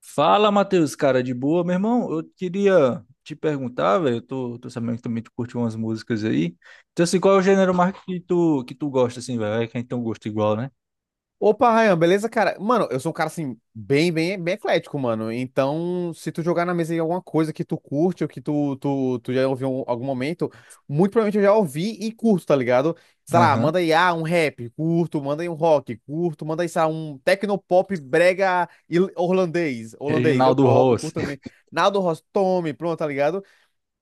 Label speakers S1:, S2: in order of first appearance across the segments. S1: Fala, Matheus, cara, de boa, meu irmão. Eu queria te perguntar, velho. Eu tô sabendo que também tu curte umas músicas aí. Então, assim, qual é o gênero mais que tu gosta, assim, velho? É que a gente tem um gosto igual, né?
S2: Opa, Ryan, beleza, cara? Mano, eu sou um cara assim, bem eclético, mano. Então, se tu jogar na mesa aí alguma coisa que tu curte ou que tu já ouviu em algum momento, muito provavelmente eu já ouvi e curto, tá ligado? Sei lá,
S1: Aham.
S2: manda aí, um rap, curto, manda aí um rock, curto, manda aí, sei lá, um tecnopop brega holandês, eu,
S1: Reginaldo
S2: eu
S1: Rossi.
S2: curto também. Naldo Rostome, pronto, tá ligado?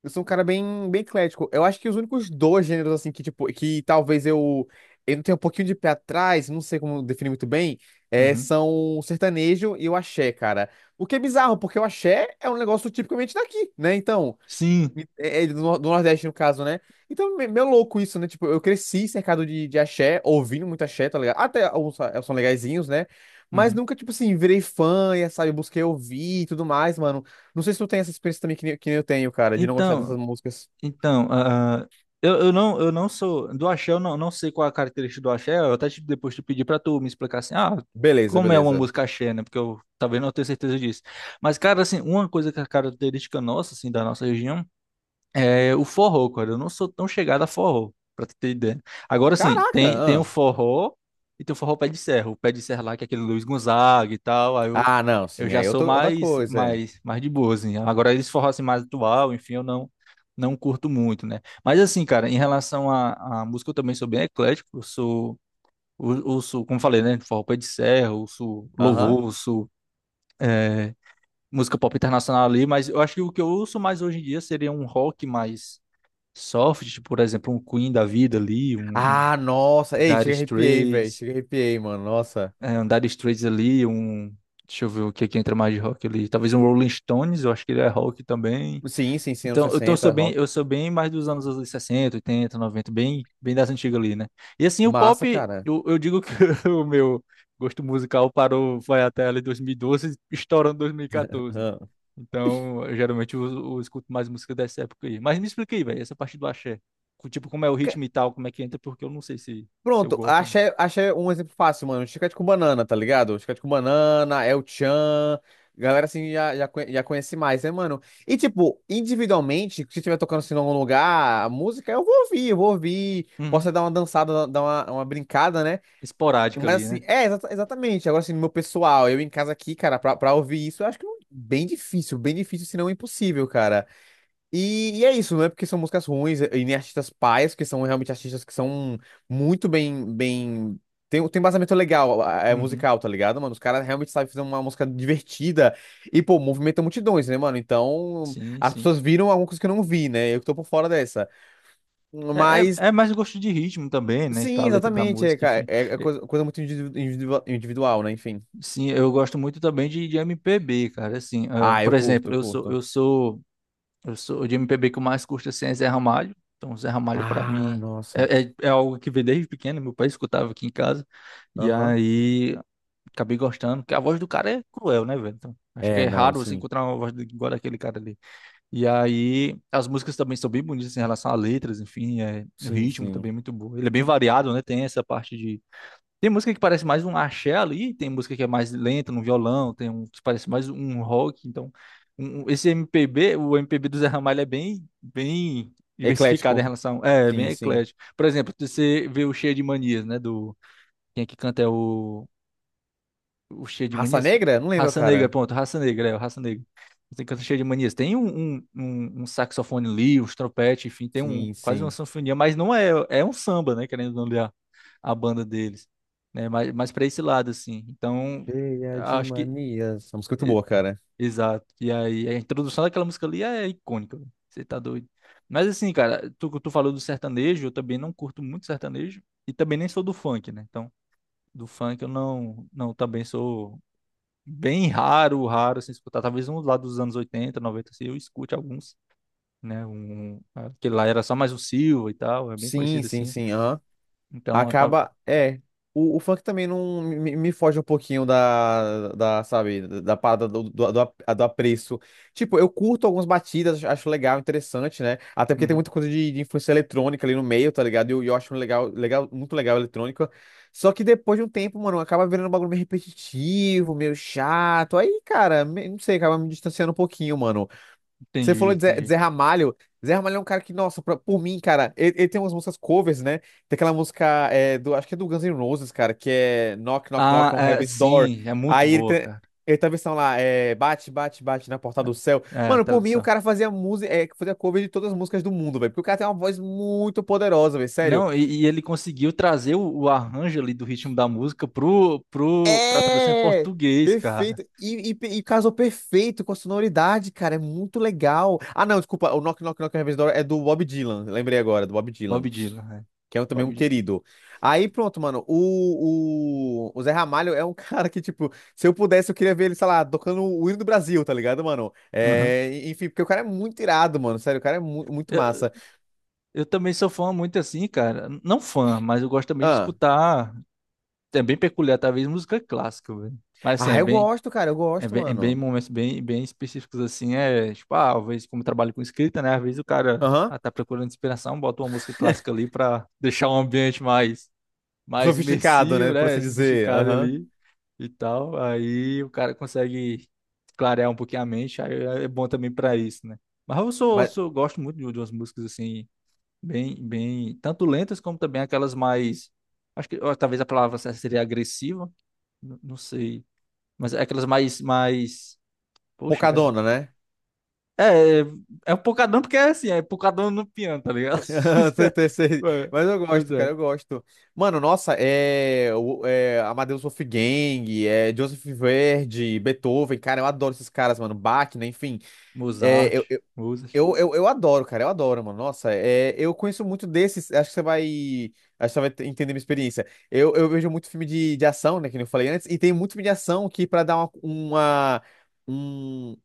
S2: Eu sou um cara bem eclético. Eu acho que os únicos dois gêneros, assim, que, tipo, que talvez eu tenha um pouquinho de pé atrás, não sei como definir muito bem, é,
S1: Uhum.
S2: são o sertanejo e o axé, cara. O que é bizarro, porque o axé é um negócio tipicamente daqui, né? Então,
S1: Sim.
S2: é, é do do Nordeste, no caso, né? Então, meio louco isso, né? Tipo, eu cresci cercado de axé, ouvindo muito axé, tá ligado? Até alguns são legaizinhos, né? Mas
S1: Uhum.
S2: nunca, tipo assim, virei fã, e, sabe? Busquei ouvir e tudo mais, mano. Não sei se tu tem essa experiência também que, que nem eu tenho, cara, de não gostar dessas
S1: Então,
S2: músicas.
S1: então, eu não sou do axé, eu não sei qual é a característica do axé. Eu até te- depois te pedi pra tu me explicar assim,
S2: Beleza,
S1: como é uma
S2: beleza.
S1: música axé, né? Porque eu talvez não tenha certeza disso. Mas, cara, assim, uma coisa que é característica nossa, assim, da nossa região. É, o forró, cara, eu não sou tão chegado a forró, pra tu ter ideia. Agora sim, tem o
S2: Caraca!
S1: forró e tem o forró pé de serra. O pé de serra lá, que é aquele Luiz Gonzaga e tal, aí eu,
S2: Ah, ah não,
S1: eu
S2: sim,
S1: já
S2: aí eu
S1: sou
S2: tô, outra
S1: mais,
S2: coisa, é.
S1: mais, mais de boa, assim. Agora eles forró assim, mais atual, enfim, eu não curto muito, né? Mas assim, cara, em relação à música, eu também sou bem eclético, eu sou, como falei, né, forró pé de serra, eu sou
S2: Aham.
S1: louvor, eu sou... é, Música pop internacional ali, mas eu acho que o que eu ouço mais hoje em dia seria um rock mais soft, tipo, por exemplo, um Queen da vida ali, um
S2: Ah, nossa! Ei,
S1: Dire
S2: chega arrepiei, velho.
S1: Straits,
S2: Chega arrepiei, mano. Nossa.
S1: um Dire Straits ali, um. Deixa eu ver o que é que entra mais de rock ali. Talvez um Rolling Stones, eu acho que ele é rock também.
S2: Sim, sim, sim, anos
S1: Então, eu
S2: 60
S1: sou bem,
S2: rock.
S1: eu sou bem mais dos anos ali 60, 80, 90, bem das antigas ali, né? E assim, o pop,
S2: Massa, cara.
S1: eu digo que o meu gosto musical parou, foi até ali 2012, estourando 2014. Né?
S2: Aham.
S1: Então, geralmente eu escuto mais música dessa época aí. Mas me explica aí, velho, essa parte do axé. Co- Tipo, como é o ritmo e tal, como é que entra, porque eu não sei se eu
S2: Pronto,
S1: gosto ou não.
S2: achei, achei um exemplo fácil, mano. Chiclete com banana, tá ligado? Chiclete com banana, El Chan. Galera assim já conhece mais, né, mano? E tipo, individualmente, se estiver tocando assim em algum lugar, a música eu vou ouvir, eu vou ouvir. Posso
S1: Uhum.
S2: dar uma dançada, dar uma brincada, né?
S1: Esporádica ali,
S2: Mas assim,
S1: né?
S2: é, exatamente. Agora assim, no meu pessoal, eu em casa aqui, cara, pra ouvir isso, eu acho que bem difícil, se não impossível, cara. E é isso, não é porque são músicas ruins e nem artistas paias, que são realmente artistas que são muito bem... Tem, tem embasamento legal, é
S1: Uhum.
S2: musical, tá ligado, mano? Os caras realmente sabem fazer uma música divertida e, pô, movimenta multidões, né, mano? Então,
S1: Sim,
S2: as
S1: sim.
S2: pessoas viram alguma coisa que eu não vi, né? Eu que tô por fora dessa.
S1: É,
S2: Mas,
S1: é, é mais gosto de ritmo também, né? Tá,
S2: sim,
S1: a letra da
S2: exatamente, é,
S1: música,
S2: cara,
S1: enfim.
S2: é, é
S1: É,
S2: coisa, coisa muito individual, né? Enfim.
S1: Sim, eu gosto muito também de MPB, cara. Assim, ah,
S2: Ah,
S1: por
S2: eu curto,
S1: exemplo,
S2: eu
S1: eu sou, eu
S2: curto.
S1: sou Eu sou de MPB que eu mais curto assim, é Zé Ramalho. Então, Zé Ramalho, pra
S2: Ah,
S1: mim,
S2: nossa.
S1: é algo que veio desde pequeno. Meu pai escutava aqui em casa. E
S2: Aham.
S1: aí, acabei gostando. Porque a voz do cara é cruel, né, velho? Então, acho que
S2: É,
S1: é
S2: não,
S1: raro você
S2: sim.
S1: encontrar uma voz igual daquele cara ali. E aí, as músicas também são bem bonitas assim, em relação a letras, enfim. É, o
S2: Sim,
S1: ritmo
S2: sim.
S1: também é muito bom. Ele é bem variado, né? Tem essa parte tem música que parece mais um axé ali, tem música que é mais lenta no violão, tem um que parece mais um rock, então esse MPB, o MPB do Zé Ramalho é bem diversificado em
S2: Eclético.
S1: relação, é, bem
S2: Sim, sim.
S1: eclético. Por exemplo, você vê o Cheio de Manias, né, do quem é que canta é o cheio de
S2: Raça
S1: manisca?
S2: Negra? Não lembro,
S1: Raça Negra,
S2: cara.
S1: pronto, Raça Negra, é, o Raça Negra. Tem canto cheio de manias. Tem um saxofone ali, uns trompete, enfim, tem um,
S2: Sim,
S1: quase uma
S2: sim.
S1: sinfonia, mas não é, é um samba, né? Querendo ou não olhar a banda deles, né? Mas para esse lado, assim. Então,
S2: Cheia de
S1: acho que.
S2: manias. Essa música é muito
S1: E-
S2: boa, cara.
S1: Exato. E aí, a introdução daquela música ali é icônica, velho. Você tá doido. Mas assim, cara, tu falou do sertanejo, eu também não curto muito sertanejo. E também nem sou do funk, né? Então, do funk eu não também sou bem raro, raro assim escutar. Talvez um lá dos anos 80 90 assim, eu escute alguns, né? Aquele lá era só mais um Silva e tal, é bem
S2: Sim,
S1: conhecido
S2: sim,
S1: assim.
S2: sim. Aham.
S1: Então, eu tava...
S2: Acaba. É. O, o funk também não me foge um pouquinho da, da, sabe, da parada do, do, do, do apreço. Tipo, eu curto algumas batidas, acho legal, interessante, né? Até porque tem
S1: Uhum,
S2: muita coisa de influência eletrônica ali no meio, tá ligado? E eu acho muito legal a eletrônica. Só que depois de um tempo, mano, acaba virando um bagulho meio repetitivo, meio chato. Aí, cara, não sei, acaba me distanciando um pouquinho, mano. Você
S1: entendi,
S2: falou de
S1: entendi.
S2: Zé Ramalho. Zé Ramalho é um cara que, nossa, por mim, cara, ele tem umas músicas covers, né? Tem aquela música, é, do, acho que é do Guns N' Roses, cara, que é Knock, Knock,
S1: Ah,
S2: Knock on
S1: é,
S2: Heaven's Door.
S1: sim, é muito
S2: Aí
S1: boa, cara.
S2: ele tem a versão lá, é, bate, bate, bate na porta do
S1: Não,
S2: céu.
S1: é,
S2: Mano, por mim, o
S1: tradução.
S2: cara fazia música, é, fazia cover de todas as músicas do mundo, velho. Porque o cara tem uma voz muito poderosa, velho, sério.
S1: Não, e ele conseguiu trazer o arranjo ali do ritmo da música pra tradução em
S2: É!
S1: português, cara.
S2: Perfeito. E, e casou perfeito com a sonoridade, cara. É muito legal. Ah, não, desculpa. O Knock Knock Knock Heaven's Door é do Bob Dylan. Lembrei agora, do Bob Dylan.
S1: Bob Dylan, né?
S2: Que é também
S1: Bob
S2: um
S1: Dylan.
S2: querido. Aí pronto, mano. O Zé Ramalho é um cara que, tipo, se eu pudesse, eu queria ver ele, sei lá, tocando o hino do Brasil, tá ligado, mano?
S1: Uhum.
S2: É, enfim, porque o cara é muito irado, mano. Sério, o cara é muito
S1: Eu,
S2: massa.
S1: eu também sou fã muito assim, cara. Não fã, mas eu gosto também de
S2: Ah,
S1: escutar é bem peculiar, talvez música clássica, velho. Mas assim, é
S2: eu
S1: bem,
S2: gosto, cara, eu
S1: é
S2: gosto,
S1: bem, é bem
S2: mano.
S1: momentos bem específicos assim, é tipo, ah, às vezes como eu trabalho com escrita, né? Às vezes o cara
S2: Aham.
S1: tá procurando inspiração, bota uma música clássica ali pra deixar o ambiente mais, mais
S2: Sofisticado, né?
S1: imersivo,
S2: Por
S1: né?
S2: assim dizer.
S1: Sofisticado
S2: Aham.
S1: ali e tal. Aí o cara consegue clarear um pouquinho a mente, aí é bom também pra isso, né? Mas eu sou,
S2: Mas.
S1: sou gosto muito de umas músicas assim, tanto lentas como também aquelas mais acho que ó, talvez a palavra certa seria agressiva. N- Não sei. Mas é aquelas mais. Poxa, cara.
S2: Pocadona, né?
S1: É, é é um pocadão porque é assim, é pocadão no piano, tá ligado?
S2: Sei, sei, sei.
S1: É,
S2: Mas eu
S1: pois
S2: gosto, cara,
S1: é.
S2: eu gosto. Mano, nossa, é, é Amadeus Wolfgang, é Joseph Verdi, Beethoven, cara, eu adoro esses caras, mano. Bach, né, enfim. É, eu,
S1: Mozart,
S2: eu,
S1: Mozart.
S2: eu, eu eu adoro, cara, eu adoro, mano. Nossa, é, eu conheço muito desses, acho que você vai, acho que você vai entender minha experiência. Eu vejo muito filme de ação, né, que nem eu falei antes, e tem muito filme de ação que pra dar uma, um-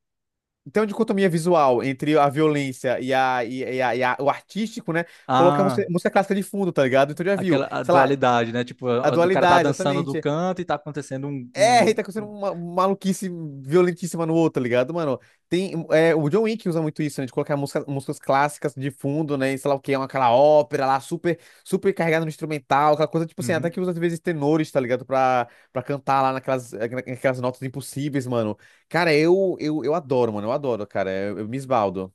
S2: então, dicotomia visual entre a violência e, a, e, e o artístico, né? Coloca a
S1: Ah,
S2: música, música clássica de fundo, tá ligado? Então já viu,
S1: aquela a
S2: sei lá,
S1: dualidade, né? Tipo,
S2: a
S1: a- o cara tá
S2: dualidade,
S1: dançando do
S2: exatamente.
S1: canto e tá acontecendo um,
S2: É, a
S1: um-
S2: tá acontecendo
S1: um-
S2: uma maluquice violentíssima no outro, tá ligado, mano? Tem, é, o John Wick usa muito isso, né? De colocar música, músicas clássicas de fundo, né? E sei lá o que, aquela ópera lá, super carregada no instrumental, aquela coisa, tipo assim, até que
S1: Uhum.
S2: usa às vezes tenores, tá ligado? Pra cantar lá naquelas notas impossíveis, mano. Cara, eu adoro, mano, eu adoro, cara, eu me esbaldo.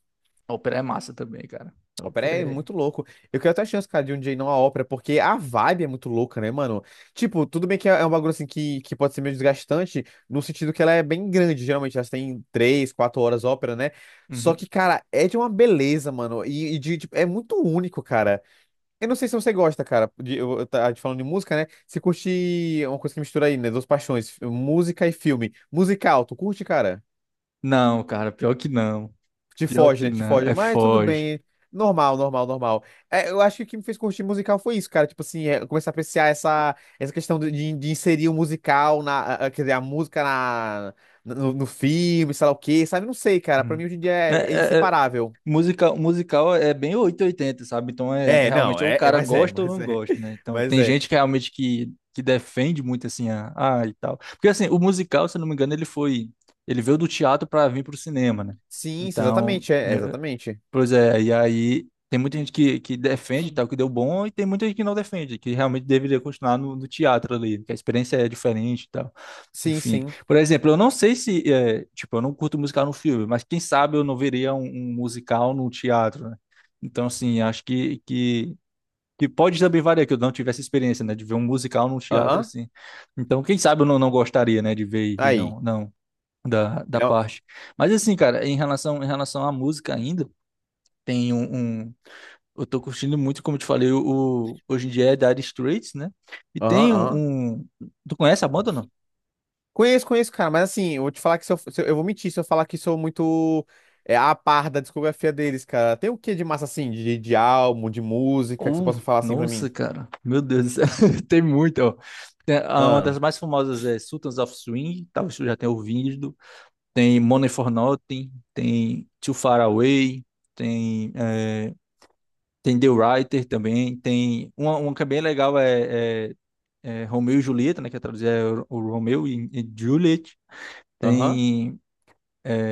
S1: A ópera é massa também, cara. A
S2: Ópera
S1: ópera
S2: é
S1: é.
S2: muito louco. Eu quero até a chance, cara, de um dia ir numa ópera, porque a vibe é muito louca, né, mano? Tipo, tudo bem que é um bagulho assim que pode ser meio desgastante, no sentido que ela é bem grande, geralmente. Elas têm 3, 4 horas ópera, né? Só
S1: Uhum.
S2: que, cara, é de uma beleza, mano. E de, tipo, é muito único, cara. Eu não sei se você gosta, cara, de, eu falando de música, né? Se curte uma coisa que mistura aí, né? Duas paixões, música e filme. Musical, tu curte, cara?
S1: Não, cara, pior que não.
S2: Te
S1: Pior
S2: foge,
S1: que
S2: né? Te
S1: não.
S2: foge.
S1: É
S2: Mas tudo
S1: foge.
S2: bem. Normal, normal, normal. É, eu acho que o que me fez curtir musical foi isso, cara. Tipo assim, é, começar a apreciar essa, essa questão de, de inserir o musical na, quer dizer, a música na, no, no filme, sei lá o quê, sabe? Não sei, cara. Pra
S1: Uhum.
S2: mim hoje em dia é, é
S1: É, é,
S2: inseparável.
S1: musical, musical é bem oitocentos e oitenta, sabe? Então é
S2: É, não,
S1: realmente ou o
S2: é, é,
S1: cara gosta ou não gosta, né? Então
S2: mas
S1: tem
S2: é.
S1: gente que realmente que defende muito assim a, ah, e tal. Porque assim, o musical, se eu não me engano, ele foi ele veio do teatro para vir para o cinema, né?
S2: Sim, sim,
S1: Então,
S2: exatamente, é, exatamente.
S1: pois é, e aí tem muita gente que defende e tal, que deu bom, e tem muita gente que não defende, que realmente deveria continuar no, no teatro ali, que a experiência é diferente
S2: Sim,
S1: enfim,
S2: sim.
S1: por exemplo, eu não sei se, é, tipo, eu não curto musical no filme, mas quem sabe eu não veria um musical no teatro, né? Então, assim, acho que pode também variar, que eu não tivesse experiência, né, de ver um musical no teatro,
S2: Aham.
S1: assim. Então, quem sabe eu não gostaria, né, de ver e
S2: Aí.
S1: não, não, da
S2: É,
S1: parte. Mas, assim, cara, em relação à música ainda, tem eu tô curtindo muito, como eu te falei, hoje em dia é Dire Straits, né? E
S2: aham,
S1: tem
S2: aham.
S1: tu conhece a banda ou não?
S2: Conheço, conheço, cara, mas assim, eu vou te falar que se eu, eu vou mentir se eu falar que sou muito é, a par da discografia deles, cara. Tem o que de massa assim, de álbum, de música, que você
S1: Oh,
S2: possa falar assim pra
S1: nossa,
S2: mim?
S1: cara. Meu Deus do céu. Tem muito, ó. Tem- a- uma das
S2: Ah,
S1: mais famosas é Sultans of Swing, talvez tu já tenha ouvido. Tem Money for Nothing, tem Too Far Away, tem, é, tem The Writer também. Tem uma que é bem legal é Romeu e Julieta, né? Que é traduzir é o Romeu e Juliet.
S2: aham.
S1: Tem é,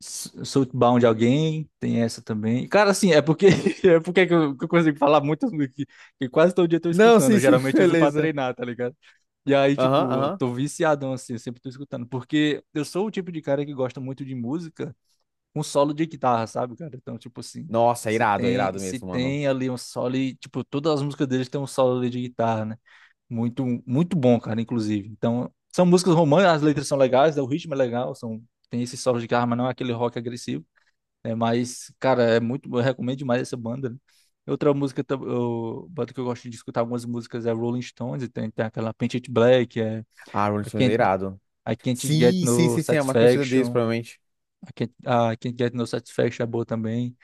S1: S- Southbound de alguém, tem essa também. Cara, assim, é porque é porque que eu consigo falar muito que, que quase todo dia eu tô
S2: Não,
S1: escutando.
S2: sim,
S1: Eu
S2: sim,
S1: geralmente uso pra
S2: beleza.
S1: treinar, tá ligado? E aí,
S2: Aham,
S1: tipo, eu
S2: aham.
S1: tô viciadão assim, eu sempre tô escutando, porque eu sou o tipo de cara que gosta muito de música com solo de guitarra, sabe, cara? Então, tipo assim,
S2: Nossa,
S1: se
S2: é
S1: tem
S2: irado
S1: se
S2: mesmo, mano.
S1: tem ali um solo e, tipo, todas as músicas deles têm um solo ali de guitarra, né? Muito bom, cara, inclusive. Então, são músicas românticas, as letras são legais, né? O ritmo é legal, são tem esse solo de guitarra, mas não é aquele rock agressivo, né? Mas, cara, é muito, eu recomendo demais essa banda, né? Outra música, tam- eu, banda que eu gosto de escutar algumas músicas é Rolling Stones, e tem aquela Paint It Black, é
S2: Ah, Rolling
S1: I
S2: Stones é
S1: Can't,
S2: irado.
S1: I Can't Get
S2: Sim, sim,
S1: No
S2: sim, sim, é a mais conhecida deles,
S1: Satisfaction,
S2: provavelmente.
S1: I Can't Get No Satisfaction é boa também.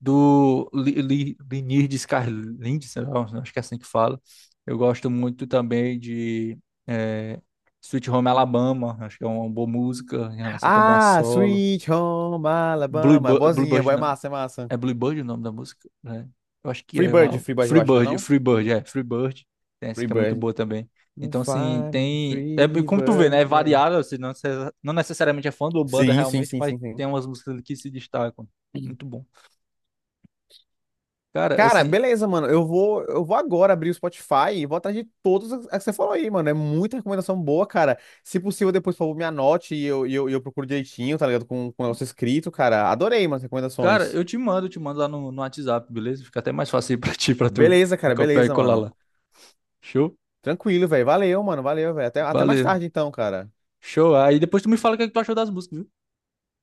S1: Do Lynyrd Skynyrd, sei lá, acho que é assim que fala. Eu gosto muito também de eh, Sweet Home Alabama, acho que é uma boa música em relação também a
S2: Ah,
S1: solo.
S2: Sweet Home Alabama, é
S1: Bluebird,
S2: boazinha,
S1: Bluebird
S2: boa, é
S1: não.
S2: massa, é massa.
S1: É Bluebird o nome da música, né? Eu acho que
S2: Free
S1: é
S2: Bird,
S1: uau.
S2: Free Bird, eu acho, não é não?
S1: Free Bird. Tem essa
S2: Free
S1: que é muito
S2: Bird.
S1: boa também.
S2: You
S1: Então, assim,
S2: find me,
S1: tem. É,
S2: Free
S1: como tu vê,
S2: Bird,
S1: né? É
S2: yeah.
S1: variável, assim, não, necess- não necessariamente é fã do banda
S2: Sim, sim,
S1: realmente,
S2: sim,
S1: mas
S2: sim, sim.
S1: tem umas músicas ali que se destacam. Muito bom. Cara,
S2: Cara,
S1: assim,
S2: beleza, mano. Eu vou agora abrir o Spotify e vou atrás de todas as que você falou aí, mano. É muita recomendação boa, cara. Se possível, depois, por favor, me anote e eu, e eu procuro direitinho, tá ligado? Com o negócio escrito, cara. Adorei, mano, as
S1: cara,
S2: recomendações.
S1: eu te mando lá no WhatsApp, beleza? Fica até mais fácil aí pra ti, pra tu
S2: Beleza, cara,
S1: copiar e
S2: beleza,
S1: colar
S2: mano.
S1: lá. Show?
S2: Tranquilo, velho. Valeu, mano. Valeu, velho. Até, até mais
S1: Valeu.
S2: tarde, então, cara.
S1: Show. Aí depois tu me fala o que é que tu achou das músicas, viu?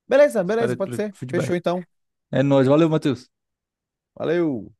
S2: Beleza,
S1: Espero
S2: beleza, pode
S1: pelo
S2: ser.
S1: feedback.
S2: Fechou, então.
S1: É nóis. Valeu, Matheus.
S2: Valeu.